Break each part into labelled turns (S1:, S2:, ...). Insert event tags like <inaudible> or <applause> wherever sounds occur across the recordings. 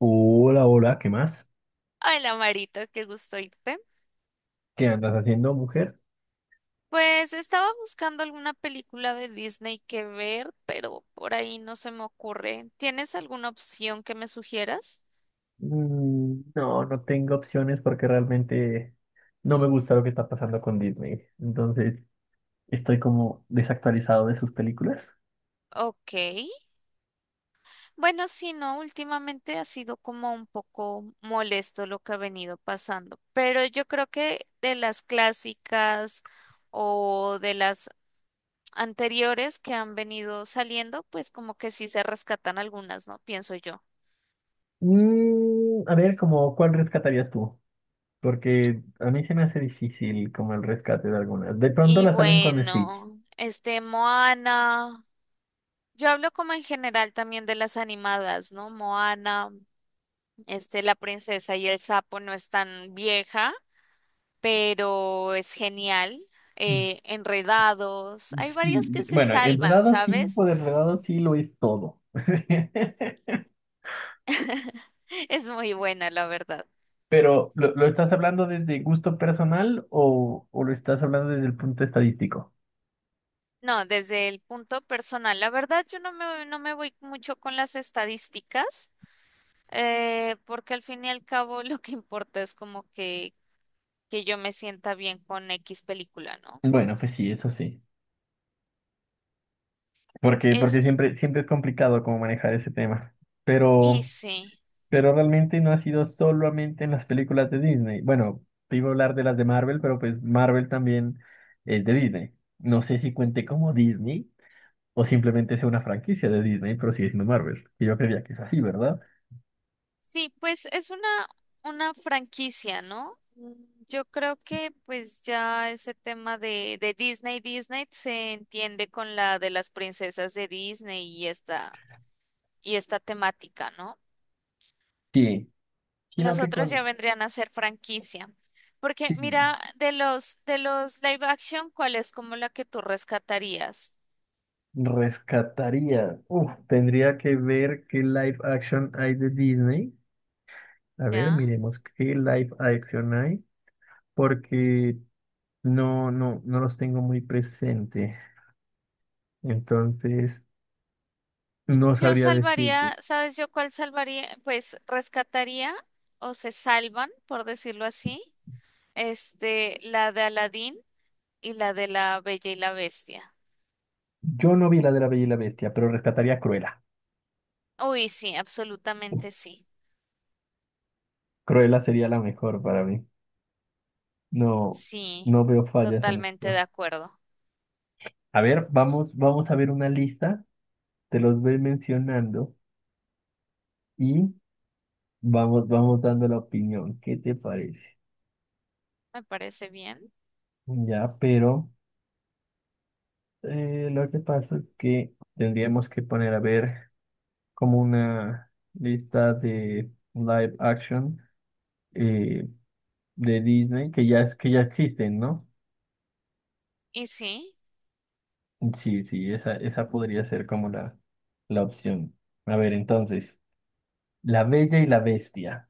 S1: Hola, hola, ¿qué más?
S2: Hola Marito, qué gusto irte.
S1: ¿Qué andas haciendo, mujer?
S2: Pues estaba buscando alguna película de Disney que ver, pero por ahí no se me ocurre. ¿Tienes alguna opción que me sugieras?
S1: Mm, no, no tengo opciones porque realmente no me gusta lo que está pasando con Disney. Entonces, estoy como desactualizado de sus películas.
S2: Ok. Bueno, sí, no, últimamente ha sido como un poco molesto lo que ha venido pasando, pero yo creo que de las clásicas o de las anteriores que han venido saliendo, pues como que sí se rescatan algunas, ¿no? Pienso yo.
S1: Mm, a ver, como, ¿cuál rescatarías tú? Porque a mí se me hace difícil como el rescate de algunas. De pronto
S2: Y
S1: la salven con Stitch.
S2: bueno, Moana, yo hablo como en general también de las animadas, ¿no? Moana, La princesa y el sapo no es tan vieja, pero es genial.
S1: Mm,
S2: Enredados, hay
S1: sí,
S2: varias que se
S1: bueno,
S2: salvan,
S1: enredado sí,
S2: ¿sabes?
S1: por enredado sí lo es todo. <laughs>
S2: <laughs> Es muy buena, la verdad.
S1: Pero, ¿lo estás hablando desde gusto personal o lo estás hablando desde el punto estadístico?
S2: No, desde el punto personal, la verdad yo no me, no me voy mucho con las estadísticas, porque al fin y al cabo lo que importa es como que yo me sienta bien con X película, ¿no?
S1: Bueno, pues sí, eso sí. Porque
S2: Es
S1: siempre es complicado como manejar ese tema.
S2: Easy.
S1: Pero,
S2: Sí,
S1: pero realmente no ha sido solamente en las películas de Disney. Bueno, te iba a hablar de las de Marvel, pero pues Marvel también es de Disney. No sé si cuente como Disney o simplemente sea una franquicia de Disney, pero sigue siendo Marvel. Y yo creía que es así, ¿verdad?
S2: sí, pues una franquicia, ¿no? Mm, yo creo que pues ya ese tema de Disney, Disney se entiende con la de las princesas de Disney y esta temática, ¿no?
S1: Sí, sino
S2: Los
S1: que
S2: otros ya
S1: con...
S2: vendrían a ser franquicia. Porque
S1: sí.
S2: mira, de los live action, ¿cuál es como la que tú rescatarías?
S1: Rescataría. Uf, tendría que ver qué live action hay de Disney. A ver,
S2: ¿Ya?
S1: miremos qué live action hay, porque no los tengo muy presente. Entonces, no
S2: Yo
S1: sabría decir.
S2: salvaría, ¿sabes yo cuál salvaría? Pues rescataría o se salvan, por decirlo así, la de Aladín y la de la Bella y la Bestia.
S1: Yo no vi la de la Bella y la Bestia, pero rescataría a Cruella.
S2: Uy, sí, absolutamente sí.
S1: Cruella sería la mejor para mí. No,
S2: Sí,
S1: no veo fallas en
S2: totalmente de
S1: esto.
S2: acuerdo.
S1: A ver, vamos a ver una lista. Te los voy mencionando y vamos dando la opinión. ¿Qué te parece?
S2: Me parece bien.
S1: Ya, pero lo que pasa es que tendríamos que poner a ver como una lista de live action eh, de Disney que ya es que ya existen, ¿no?
S2: Y sí,
S1: Sí, sí, esa podría ser como la opción. A ver, entonces, La Bella y la Bestia.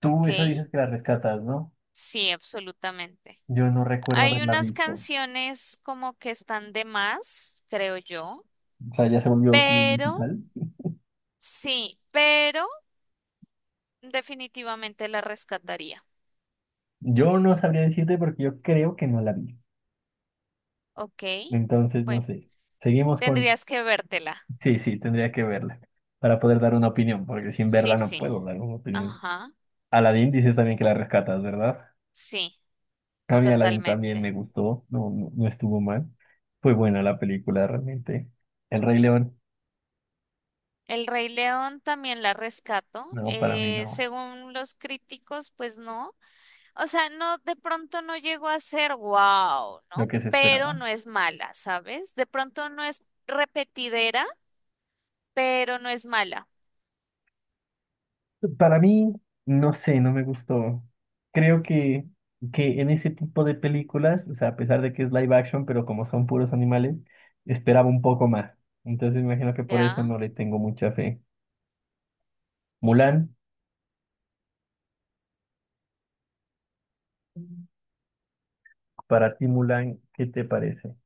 S1: Tú
S2: ok,
S1: esa dices que la rescatas, ¿no?
S2: sí, absolutamente.
S1: Yo no recuerdo
S2: Hay
S1: haberla
S2: unas
S1: visto.
S2: canciones como que están de más, creo yo,
S1: O sea, ya se volvió como un
S2: pero
S1: musical.
S2: sí, pero definitivamente la rescataría.
S1: Yo no sabría decirte porque yo creo que no la vi.
S2: Ok,
S1: Entonces, no
S2: bueno,
S1: sé. Seguimos con
S2: tendrías que vértela.
S1: sí, sí, tendría que verla para poder dar una opinión, porque sin verla
S2: Sí,
S1: no
S2: sí,
S1: puedo dar una opinión.
S2: ajá,
S1: Aladdin dices también que la rescatas, ¿verdad?
S2: sí,
S1: A mí Aladdin también
S2: totalmente.
S1: me gustó, no estuvo mal. Fue buena la película realmente. El Rey León,
S2: El Rey León también la rescato.
S1: no, para mí no,
S2: Según los críticos, pues no. O sea, no, de pronto no llegó a ser wow,
S1: lo
S2: ¿no?
S1: que se
S2: Pero
S1: esperaba.
S2: no es mala, ¿sabes? De pronto no es repetidera, pero no es mala,
S1: Para mí, no sé, no me gustó. Creo que en ese tipo de películas, o sea, a pesar de que es live action, pero como son puros animales, esperaba un poco más. Entonces me imagino que por eso
S2: ¿ya?
S1: no le tengo mucha fe. Mulan. Para ti, Mulan, ¿qué te parece?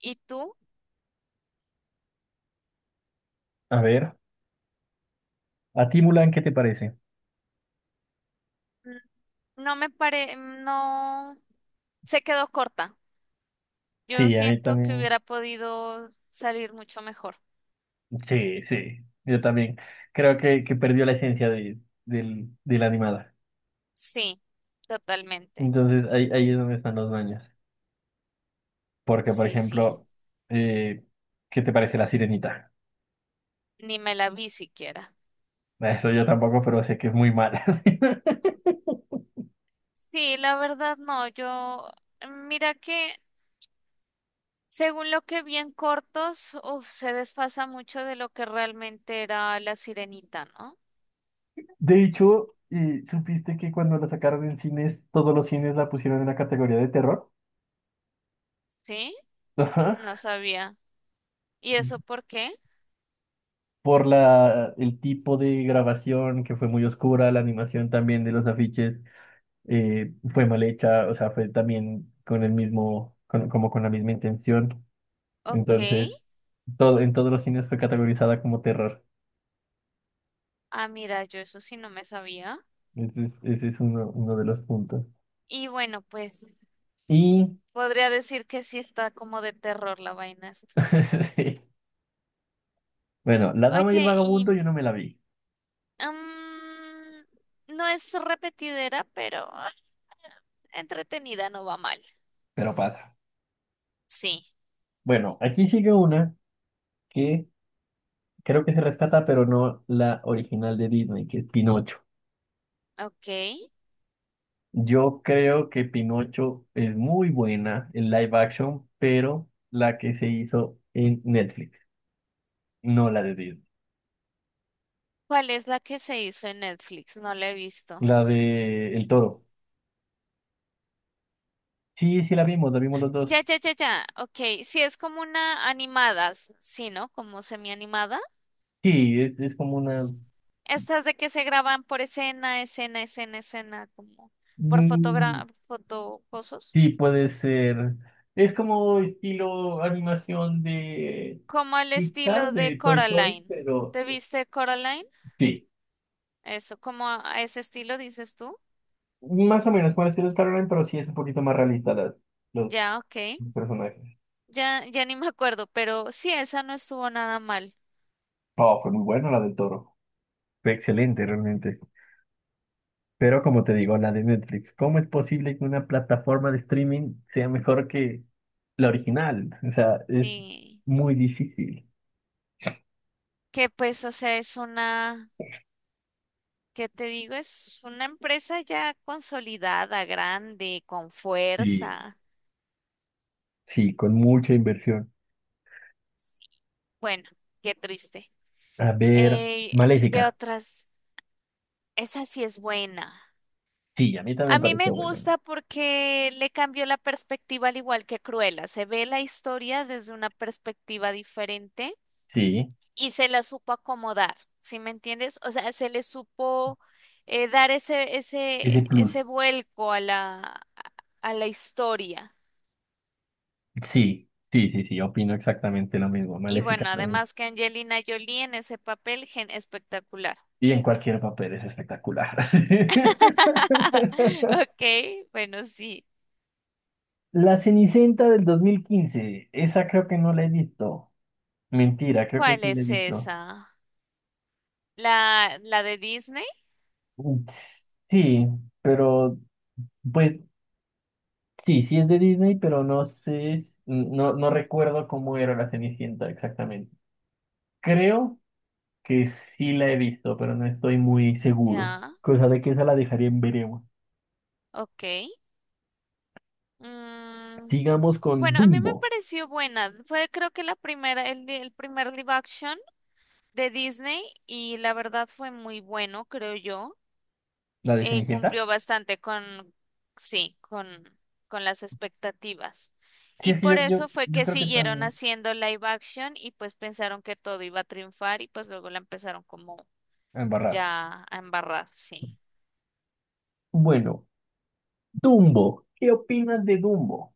S2: ¿Y tú?
S1: A ver, ¿a ti, Mulan, qué te parece?
S2: Mm, no, se quedó corta. Yo
S1: Sí, a mí
S2: siento que
S1: también.
S2: hubiera podido salir mucho mejor.
S1: Sí, sí, yo también. Creo que perdió la esencia de la animada.
S2: Sí, totalmente.
S1: Entonces, ahí, ahí es donde están los baños. Porque, por
S2: Sí, sí.
S1: ejemplo, eh, ¿qué te parece la sirenita?
S2: Ni me la vi siquiera.
S1: Eso yo tampoco, pero sé que es muy mala. <laughs>
S2: Sí, la verdad no. Yo, mira que según lo que vi en cortos, uf, se desfasa mucho de lo que realmente era la sirenita, ¿no?
S1: De hecho, ¿supiste que cuando la sacaron en cines, todos los cines la pusieron en la categoría de terror?
S2: Sí,
S1: Ajá.
S2: no sabía. ¿Y eso por qué?
S1: Por la, el tipo de grabación que fue muy oscura, la animación también de los afiches fue mal hecha, o sea, fue también con el mismo, como con la misma intención.
S2: Ok.
S1: Entonces, todo, en todos los cines fue categorizada como terror.
S2: Ah, mira, yo eso sí no me sabía.
S1: Ese es uno, uno de los puntos.
S2: Y bueno, pues
S1: Y,
S2: podría decir que sí está como de terror la vaina esta.
S1: <laughs> sí. Bueno, La Dama y el
S2: Oye, y
S1: Vagabundo yo no me la vi,
S2: mm, no es repetidera, pero ah, entretenida no va mal.
S1: pero pasa.
S2: Sí,
S1: Bueno, aquí sigue una que creo que se rescata, pero no la original de Disney, que es Pinocho.
S2: ok.
S1: Yo creo que Pinocho es muy buena en live action, pero la que se hizo en Netflix, no la de Disney.
S2: ¿Cuál es la que se hizo en Netflix? No la he visto.
S1: La de El Toro. Sí, sí la vimos los
S2: Ya,
S1: dos.
S2: ya, ya, ya. Ok, sí, es como una animada, sí, ¿no? Como semi-animada.
S1: Sí, es como una...
S2: Estas de que se graban por escena, escena, escena, escena, como por
S1: Mm,
S2: fotogra fotocosos.
S1: sí, puede ser. Es como estilo animación de
S2: Como al
S1: Pixar,
S2: estilo de
S1: de Toy Story,
S2: Coraline.
S1: pero
S2: ¿Te viste Coraline?
S1: sí.
S2: Eso, como a ese estilo, dices tú.
S1: Más o menos puede ser Star Online, pero sí es un poquito más realista las-
S2: Ya,
S1: los
S2: ok.
S1: los personajes.
S2: Ya, ya ni me acuerdo, pero sí, esa no estuvo nada mal.
S1: Oh, fue muy buena la del Toro. Fue excelente realmente. Pero como te digo, la de Netflix, ¿cómo es posible que una plataforma de streaming sea mejor que la original? O sea, es
S2: Sí,
S1: muy difícil.
S2: que pues, o sea, es una, ¿qué te digo? Es una empresa ya consolidada, grande, con
S1: Sí.
S2: fuerza.
S1: Sí, con mucha inversión.
S2: Bueno, qué triste.
S1: A ver,
S2: Eh, ¿Qué
S1: Maléfica.
S2: otras? Esa sí es buena.
S1: Sí, a mí también
S2: A
S1: me
S2: mí me
S1: pareció bueno.
S2: gusta porque le cambió la perspectiva al igual que Cruella. Se ve la historia desde una perspectiva diferente
S1: Sí,
S2: y se la supo acomodar, ¿sí me entiendes? O sea, se le supo dar
S1: ese plus.
S2: ese vuelco a la historia.
S1: Sí, opino exactamente lo mismo.
S2: Y
S1: Maléfica
S2: bueno,
S1: también.
S2: además que Angelina Jolie en ese papel, gen espectacular.
S1: Y en cualquier papel es espectacular.
S2: <laughs> Ok, bueno, sí.
S1: <laughs> La Cenicienta del 2015. Esa creo que no la he visto. Mentira, creo que
S2: ¿Cuál
S1: sí la he
S2: es
S1: visto.
S2: esa? ¿La de Disney?
S1: Mm, sí, pero pues sí, sí es de Disney, pero no sé, no, no recuerdo cómo era la Cenicienta exactamente. Creo que sí la he visto, pero no estoy muy seguro.
S2: Ya,
S1: Cosa de que esa la dejaría en veremos.
S2: ok. Mm,
S1: Sigamos con
S2: bueno, a mí
S1: Dumbo,
S2: me pareció buena. Fue creo que la primera, el primer live action de Disney y la verdad fue muy bueno, creo yo.
S1: la de
S2: Eh,
S1: Cenicienta.
S2: cumplió bastante con, sí, con las expectativas.
S1: Sí,
S2: Y
S1: es que yo,
S2: por
S1: yo,
S2: eso fue
S1: yo
S2: que
S1: creo que
S2: siguieron
S1: también.
S2: haciendo live action y pues pensaron que todo iba a triunfar y pues luego la empezaron como
S1: A embarrar.
S2: ya a embarrar, sí.
S1: Bueno, Dumbo, ¿qué opinas de Dumbo?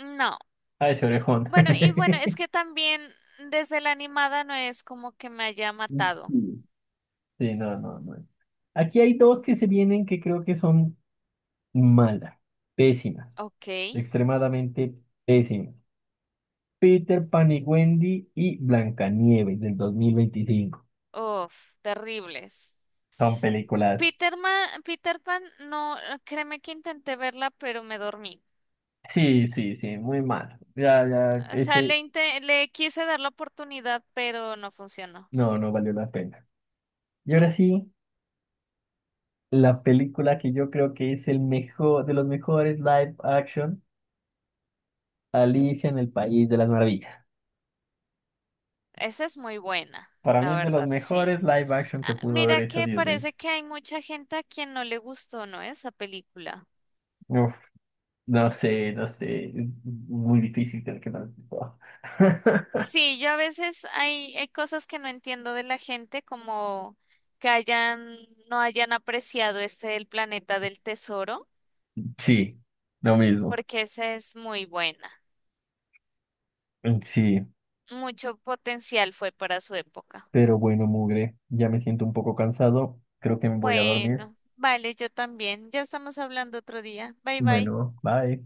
S2: No.
S1: Ah, ese orejón.
S2: Bueno, y bueno, es
S1: <laughs>
S2: que también desde la animada no es como que me haya matado.
S1: Sí. Sí, no, no, no. Aquí hay dos que se vienen que creo que son malas, pésimas,
S2: Ok.
S1: extremadamente pésimas. Peter Pan y Wendy y Blancanieves del 2025.
S2: Uf, terribles.
S1: Son películas.
S2: Peter Pan, no, créeme que intenté verla, pero me dormí.
S1: Sí, sí, sí, muy malas. Ya, ya,
S2: O sea,
S1: ese
S2: le quise dar la oportunidad, pero no funcionó.
S1: no, no valió la pena. Y ahora sí, la película que yo creo que es el mejor, de los mejores live action, Alicia en el País de las Maravillas.
S2: Esa es muy buena,
S1: Para mí
S2: la
S1: es de los
S2: verdad, sí.
S1: mejores live action que
S2: Ah,
S1: pudo haber
S2: mira
S1: hecho
S2: que
S1: Disney.
S2: parece que hay mucha gente a quien no le gustó, ¿no? Esa película.
S1: Uf, no sé, no sé. Es muy difícil tener que no. <laughs>
S2: Sí, yo a veces hay cosas que no entiendo de la gente, como que hayan, no hayan apreciado El planeta del tesoro,
S1: Sí, lo mismo.
S2: porque esa es muy buena.
S1: Mm, sí,
S2: Mucho potencial fue para su época.
S1: pero bueno, mugre. Ya me siento un poco cansado. Creo que me voy a dormir.
S2: Bueno, vale, yo también. Ya estamos hablando otro día. Bye bye.
S1: Bueno, bye.